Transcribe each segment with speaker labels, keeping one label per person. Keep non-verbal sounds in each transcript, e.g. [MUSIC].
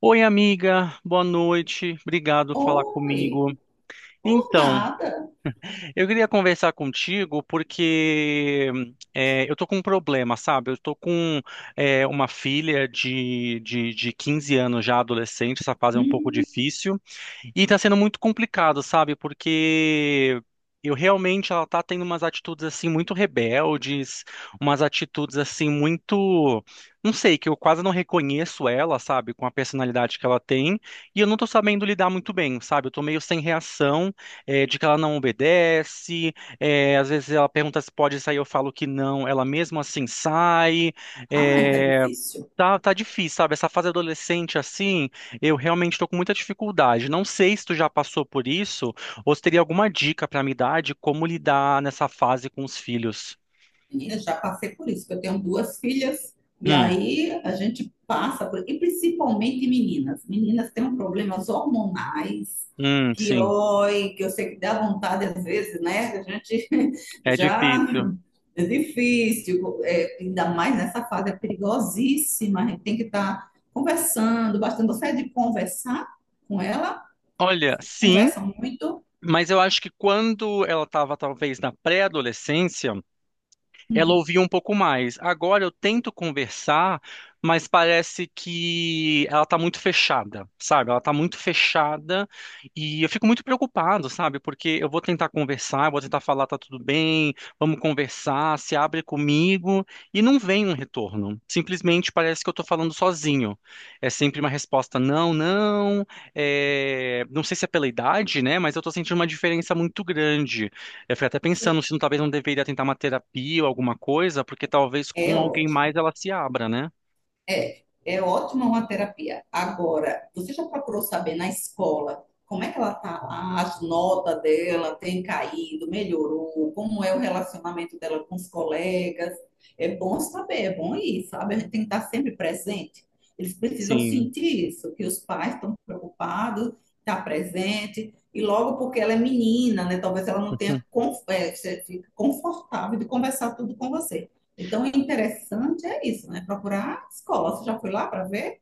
Speaker 1: Oi, amiga, boa noite. Obrigado por falar
Speaker 2: Oi,
Speaker 1: comigo.
Speaker 2: por
Speaker 1: Então,
Speaker 2: nada.
Speaker 1: eu queria conversar contigo porque eu tô com um problema, sabe? Eu tô com uma filha de 15 anos já, adolescente, essa fase é um pouco
Speaker 2: Hum,
Speaker 1: difícil. E tá sendo muito complicado, sabe? Porque eu realmente ela tá tendo umas atitudes assim muito rebeldes, umas atitudes assim muito, não sei, que eu quase não reconheço ela, sabe, com a personalidade que ela tem, e eu não tô sabendo lidar muito bem, sabe? Eu tô meio sem reação, de que ela não obedece, às vezes ela pergunta se pode sair, eu falo que não, ela mesmo assim sai.
Speaker 2: ai, tá
Speaker 1: eh,
Speaker 2: difícil.
Speaker 1: Tá, tá difícil, sabe? Essa fase adolescente, assim, eu realmente tô com muita dificuldade. Não sei se tu já passou por isso ou se teria alguma dica pra me dar de como lidar nessa fase com os filhos.
Speaker 2: Menina, já passei por isso, que eu tenho duas filhas, e
Speaker 1: Hum,
Speaker 2: aí a gente passa por. E principalmente meninas. Meninas têm problemas hormonais, que,
Speaker 1: sim.
Speaker 2: oi, que eu sei que dá vontade às vezes, né? A gente [LAUGHS]
Speaker 1: É
Speaker 2: já.
Speaker 1: difícil.
Speaker 2: É difícil, é, ainda mais nessa fase, é perigosíssima. A gente tem que estar conversando bastante. Você é de conversar com ela?
Speaker 1: Olha, sim,
Speaker 2: Conversa muito?
Speaker 1: mas eu acho que quando ela estava talvez na pré-adolescência. Ela
Speaker 2: Hum.
Speaker 1: ouvia um pouco mais. Agora eu tento conversar, mas parece que ela tá muito fechada, sabe? Ela tá muito fechada e eu fico muito preocupado, sabe? Porque eu vou tentar conversar, eu vou tentar falar, tá tudo bem, vamos conversar, se abre comigo e não vem um retorno. Simplesmente parece que eu tô falando sozinho. É sempre uma resposta não, não, é, não sei se é pela idade, né? Mas eu tô sentindo uma diferença muito grande. Eu fico até pensando se não- talvez não deveria tentar uma terapia ou alguma coisa, porque talvez
Speaker 2: É
Speaker 1: com alguém
Speaker 2: ótimo.
Speaker 1: mais ela se abra, né?
Speaker 2: É, é ótima uma terapia. Agora, você já procurou saber na escola como é que ela tá lá, as notas dela têm caído, melhorou, como é o relacionamento dela com os colegas? É bom saber, é bom ir, sabe? A gente tem que estar sempre presente. Eles precisam
Speaker 1: Sim.
Speaker 2: sentir isso, que os pais estão preocupados, está presente, e logo porque ela é menina, né? Talvez ela não tenha fique confortável de conversar tudo com você. Então, o interessante é isso, né? Procurar a escola. Você já foi lá para ver?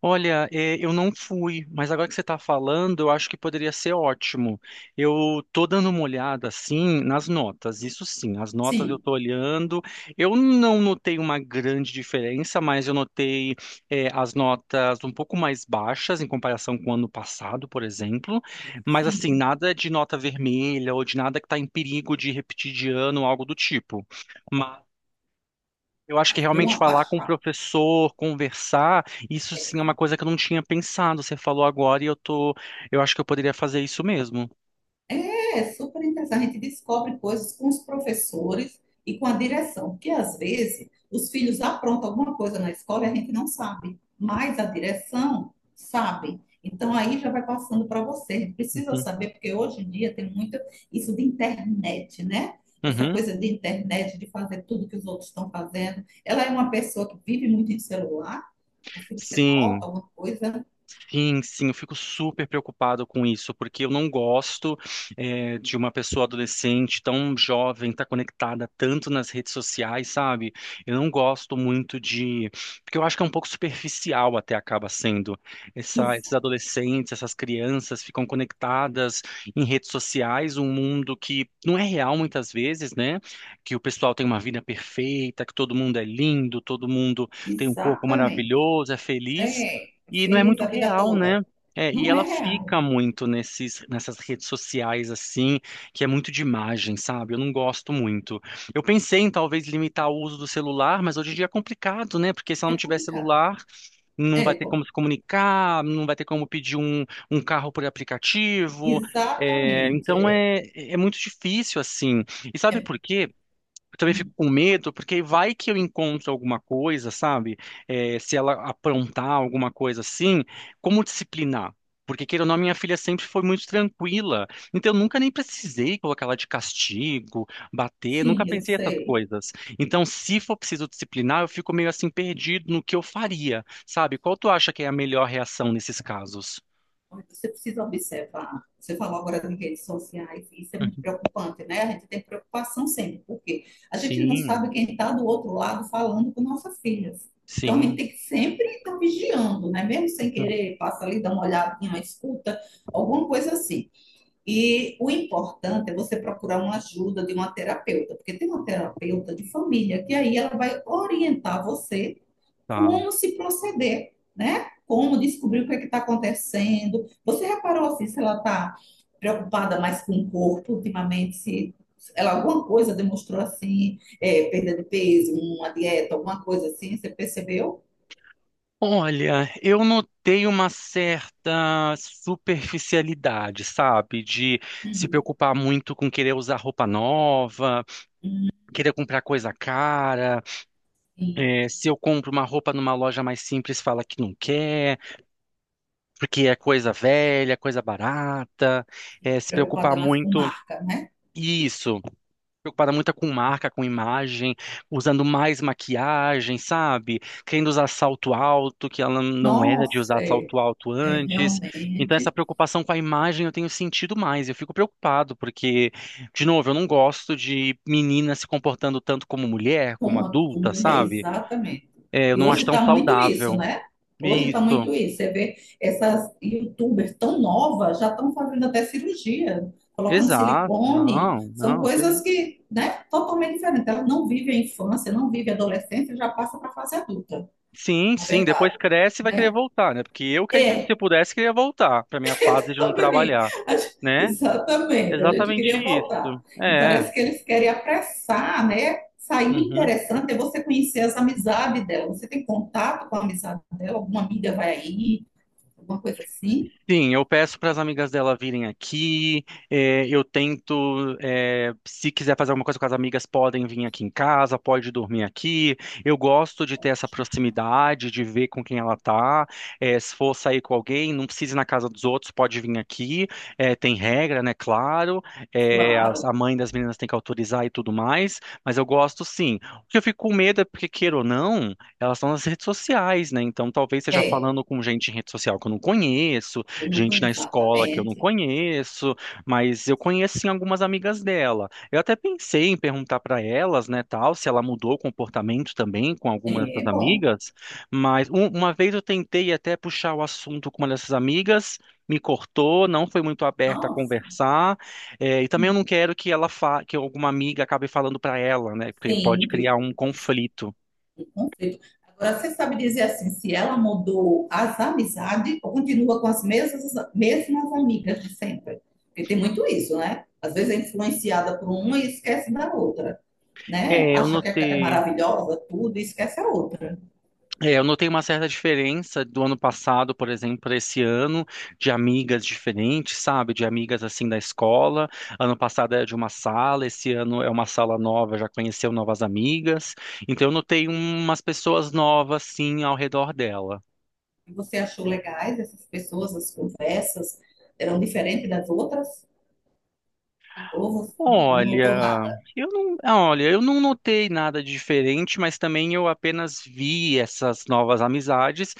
Speaker 1: Olha, é, eu não fui, mas agora que você está falando, eu acho que poderia ser ótimo. Eu tô dando uma olhada, assim, nas notas, isso sim, as notas eu
Speaker 2: Sim.
Speaker 1: tô olhando. Eu não notei uma grande diferença, mas eu notei, é, as notas um pouco mais baixas em comparação com o ano passado, por exemplo. Mas, assim,
Speaker 2: Sim.
Speaker 1: nada de nota vermelha ou de nada que está em perigo de repetir de ano, algo do tipo. Eu acho que
Speaker 2: Deu
Speaker 1: realmente
Speaker 2: uma
Speaker 1: falar com o
Speaker 2: baixada.
Speaker 1: professor, conversar, isso sim é uma coisa que eu não tinha pensado. Você falou agora eu acho que eu poderia fazer isso mesmo.
Speaker 2: É super interessante. A gente descobre coisas com os professores e com a direção, porque às vezes os filhos aprontam alguma coisa na escola e a gente não sabe, mas a direção sabe. Então aí já vai passando para você. A gente precisa
Speaker 1: Uhum.
Speaker 2: saber, porque hoje em dia tem muito isso de internet, né? Essa
Speaker 1: Uhum.
Speaker 2: coisa de internet, de fazer tudo que os outros estão fazendo. Ela é uma pessoa que vive muito em celular, assim você nota
Speaker 1: Sim.
Speaker 2: alguma coisa.
Speaker 1: Sim, sim, eu fico super preocupado com isso, porque eu não gosto de uma pessoa adolescente tão jovem, estar conectada tanto nas redes sociais, sabe? Eu não gosto muito de. Porque eu acho que é um pouco superficial até acaba sendo. Esses
Speaker 2: Isso,
Speaker 1: adolescentes, essas crianças ficam conectadas em redes sociais, um mundo que não é real muitas vezes, né? Que o pessoal tem uma vida perfeita, que todo mundo é lindo, todo mundo tem um corpo
Speaker 2: exatamente.
Speaker 1: maravilhoso, é feliz.
Speaker 2: É,
Speaker 1: E não é
Speaker 2: feliz
Speaker 1: muito
Speaker 2: a vida
Speaker 1: real, né?
Speaker 2: toda.
Speaker 1: É, e
Speaker 2: Não é
Speaker 1: ela
Speaker 2: real,
Speaker 1: fica muito nessas redes sociais, assim, que é muito de imagem, sabe? Eu não gosto muito. Eu pensei em talvez limitar o uso do celular, mas hoje em dia é complicado, né? Porque se ela
Speaker 2: é
Speaker 1: não tiver
Speaker 2: complicado.
Speaker 1: celular, não vai
Speaker 2: É,
Speaker 1: ter como se comunicar, não vai ter como pedir um carro por aplicativo. É,
Speaker 2: exatamente.
Speaker 1: então
Speaker 2: É.
Speaker 1: é, é muito difícil, assim. E sabe
Speaker 2: É,
Speaker 1: por quê? Eu também fico
Speaker 2: hum,
Speaker 1: com medo, porque vai que eu encontro alguma coisa, sabe? É, se ela aprontar alguma coisa assim, como disciplinar? Porque, queira ou não, minha filha sempre foi muito tranquila. Então, eu nunca nem precisei colocar ela de castigo, bater, nunca
Speaker 2: sim, eu
Speaker 1: pensei essas
Speaker 2: sei.
Speaker 1: coisas. Então, se for preciso disciplinar, eu fico meio assim perdido no que eu faria, sabe? Qual tu acha que é a melhor reação nesses casos?
Speaker 2: Mas você precisa observar. Você falou agora das redes sociais, e isso é muito preocupante, né? A gente tem preocupação sempre, porque a gente não sabe
Speaker 1: Sim,
Speaker 2: quem está do outro lado falando com nossas filhas. Então a gente
Speaker 1: sim.
Speaker 2: tem que sempre estar vigiando, né? Mesmo sem
Speaker 1: [LAUGHS]
Speaker 2: querer, passa ali, dá uma olhadinha, escuta, alguma coisa assim. E o importante é você procurar uma ajuda de uma terapeuta, porque tem uma terapeuta de família que aí ela vai orientar você
Speaker 1: Tá.
Speaker 2: como se proceder, né? Como descobrir o que é que está acontecendo. Você reparou assim, se ela está preocupada mais com o corpo ultimamente, se ela alguma coisa demonstrou assim, é, perda de peso, uma dieta, alguma coisa assim, você percebeu?
Speaker 1: Olha, eu notei uma certa superficialidade, sabe? De se
Speaker 2: Hum,
Speaker 1: preocupar muito com querer usar roupa nova, querer comprar coisa cara.
Speaker 2: sim.
Speaker 1: É, se eu compro uma roupa numa loja mais simples, fala que não quer, porque é coisa velha, coisa barata. É, se preocupar
Speaker 2: Preocupada mais com
Speaker 1: muito.
Speaker 2: marca, né?
Speaker 1: Isso. Preocupada muito com marca, com imagem, usando mais maquiagem, sabe? Querendo usar salto alto, que ela não era de
Speaker 2: Nossa,
Speaker 1: usar
Speaker 2: é,
Speaker 1: salto alto
Speaker 2: é
Speaker 1: antes. Então, essa
Speaker 2: realmente.
Speaker 1: preocupação com a imagem eu tenho sentido mais. Eu fico preocupado, porque, de novo, eu não gosto de menina se comportando tanto como mulher, como
Speaker 2: Com a com
Speaker 1: adulta,
Speaker 2: mulher,
Speaker 1: sabe?
Speaker 2: exatamente.
Speaker 1: É, eu
Speaker 2: E
Speaker 1: não acho
Speaker 2: hoje
Speaker 1: tão
Speaker 2: está muito isso,
Speaker 1: saudável.
Speaker 2: né? Hoje está
Speaker 1: Isso.
Speaker 2: muito isso. Você vê essas youtubers tão novas, já estão fazendo até cirurgia, colocando
Speaker 1: Exato.
Speaker 2: silicone.
Speaker 1: Não,
Speaker 2: São
Speaker 1: não,
Speaker 2: coisas
Speaker 1: que
Speaker 2: que, né, totalmente diferentes. Elas não vivem a infância, não vivem a adolescência, já passa para a fase adulta,
Speaker 1: Sim,
Speaker 2: na
Speaker 1: sim, depois
Speaker 2: verdade,
Speaker 1: cresce e vai querer
Speaker 2: né?
Speaker 1: voltar, né? Porque eu queria que se
Speaker 2: É,
Speaker 1: pudesse queria voltar para minha fase de
Speaker 2: [LAUGHS]
Speaker 1: não
Speaker 2: também,
Speaker 1: trabalhar,
Speaker 2: a gente-
Speaker 1: né?
Speaker 2: exatamente, a gente
Speaker 1: Exatamente
Speaker 2: queria voltar.
Speaker 1: isso.
Speaker 2: E
Speaker 1: É.
Speaker 2: parece que eles querem apressar, né? Sair
Speaker 1: Uhum.
Speaker 2: interessante é você conhecer as amizades dela. Você tem contato com a amizade dela? Alguma amiga vai aí? Alguma coisa assim?
Speaker 1: Sim, eu peço para as amigas dela virem aqui. Eu tento, se quiser fazer alguma coisa com as amigas, podem vir aqui em casa, pode dormir aqui. Eu gosto de ter essa proximidade, de ver com quem ela tá. Se for sair com alguém, não precisa ir na casa dos outros, pode vir aqui. Tem regra, né? Claro.
Speaker 2: Claro,
Speaker 1: A mãe das meninas tem que autorizar e tudo mais. Mas eu gosto sim. O que eu fico com medo é porque, queira ou não, elas estão nas redes sociais, né? Então talvez seja
Speaker 2: é.
Speaker 1: falando com gente em rede social que eu não conheço,
Speaker 2: Eu não
Speaker 1: gente na
Speaker 2: conheço
Speaker 1: escola que eu não
Speaker 2: exatamente.
Speaker 1: conheço, mas eu conheço sim algumas amigas dela. Eu até pensei em perguntar para elas, né, tal, se ela mudou o comportamento também com alguma dessas
Speaker 2: É bom.
Speaker 1: amigas, mas uma vez eu tentei até puxar o assunto com uma dessas amigas, me cortou, não foi muito aberta a
Speaker 2: Nossa.
Speaker 1: conversar, é, e também eu não quero que ela fa que alguma amiga acabe falando para ela, né, porque pode
Speaker 2: Sim,
Speaker 1: criar um conflito.
Speaker 2: o conceito. Agora, você sabe dizer assim, se ela mudou as amizades ou continua com as mesmas, mesmas amigas de sempre? Porque tem muito isso, né? Às vezes é influenciada por uma e esquece da outra, né?
Speaker 1: É, eu
Speaker 2: Acha que aquela é
Speaker 1: notei.
Speaker 2: maravilhosa, tudo, e esquece a outra.
Speaker 1: É, eu notei uma certa diferença do ano passado, por exemplo, para esse ano, de amigas diferentes, sabe? De amigas assim da escola. Ano passado era de uma sala, esse ano é uma sala nova, já conheceu novas amigas. Então eu notei umas pessoas novas assim ao redor dela.
Speaker 2: E você achou legais essas pessoas, as conversas eram diferentes das outras? Ou você não notou nada?
Speaker 1: Olha, eu não notei nada de diferente, mas também eu apenas vi essas novas amizades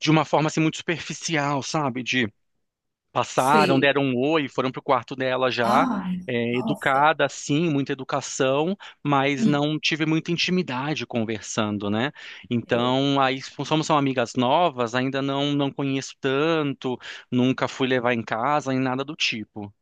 Speaker 1: de uma forma assim muito superficial, sabe? De passaram,
Speaker 2: Sei.
Speaker 1: deram um oi, foram pro quarto dela já,
Speaker 2: Ai,
Speaker 1: é,
Speaker 2: nossa.
Speaker 1: educada, sim, muita educação, mas
Speaker 2: Hum.
Speaker 1: não tive muita intimidade conversando, né?
Speaker 2: É.
Speaker 1: Então, aí, como são amigas novas, ainda não, não conheço tanto, nunca fui levar em casa, nem nada do tipo.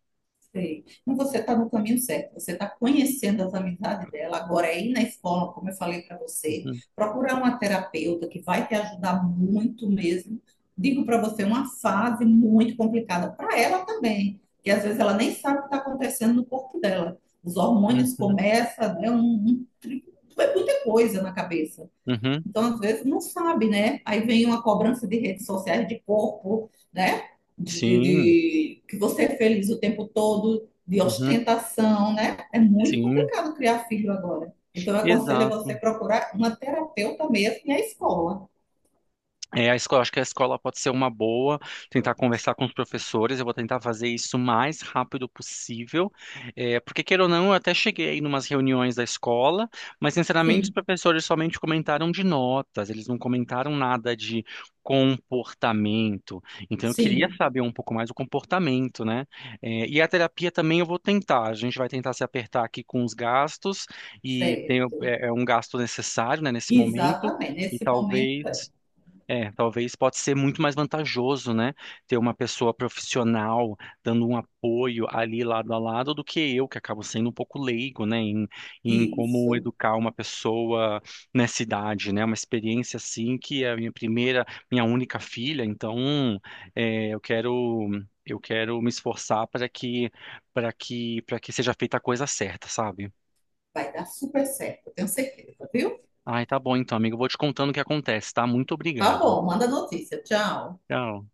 Speaker 2: Sei. Mas você está no caminho certo, você está conhecendo as amizades dela. Agora, é ir na escola, como eu falei para você,
Speaker 1: Uhum,
Speaker 2: procurar uma terapeuta que vai te ajudar muito mesmo. Digo para você, uma fase muito complicada para ela também, que às vezes ela nem sabe o que está acontecendo no corpo dela. Os hormônios
Speaker 1: uhum,
Speaker 2: começam, né? É muita coisa na cabeça.
Speaker 1: uhum,
Speaker 2: Então, às vezes, não sabe, né? Aí vem uma cobrança de redes sociais, de corpo, né?
Speaker 1: sim,
Speaker 2: Que você é feliz o tempo todo, de
Speaker 1: uhum,
Speaker 2: ostentação, né? É muito
Speaker 1: sim,
Speaker 2: complicado criar filho agora. Então, eu aconselho a você
Speaker 1: exato.
Speaker 2: procurar uma terapeuta mesmo e a escola.
Speaker 1: É, a escola, acho que a escola pode ser uma boa, tentar conversar com os professores, eu vou tentar fazer isso o mais rápido possível, é, porque queira ou não, eu até cheguei aí numas reuniões da escola, mas sinceramente os
Speaker 2: Sim,
Speaker 1: professores somente comentaram de notas, eles não comentaram nada de comportamento, então eu queria
Speaker 2: sim,
Speaker 1: saber um pouco mais do comportamento, né? É, e a terapia também eu vou tentar, a gente vai tentar se apertar aqui com os gastos,
Speaker 2: sério.
Speaker 1: é um gasto necessário, né, nesse momento,
Speaker 2: Exatamente.
Speaker 1: e
Speaker 2: Nesse momento, é.
Speaker 1: talvez talvez pode ser muito mais vantajoso, né? Ter uma pessoa profissional dando um apoio ali lado a lado do que eu, que acabo sendo um pouco leigo, né? Em como
Speaker 2: Isso.
Speaker 1: educar uma pessoa nessa idade, né? Uma experiência assim que é a minha primeira, minha única filha, então é, eu quero eu quero me esforçar para que seja feita a coisa certa, sabe?
Speaker 2: Vai dar super certo, eu tenho certeza, viu?
Speaker 1: Ai, tá bom então, amigo. Eu vou te contando o que acontece, tá? Muito
Speaker 2: Tá
Speaker 1: obrigado.
Speaker 2: bom, manda notícia. Tchau.
Speaker 1: Tchau.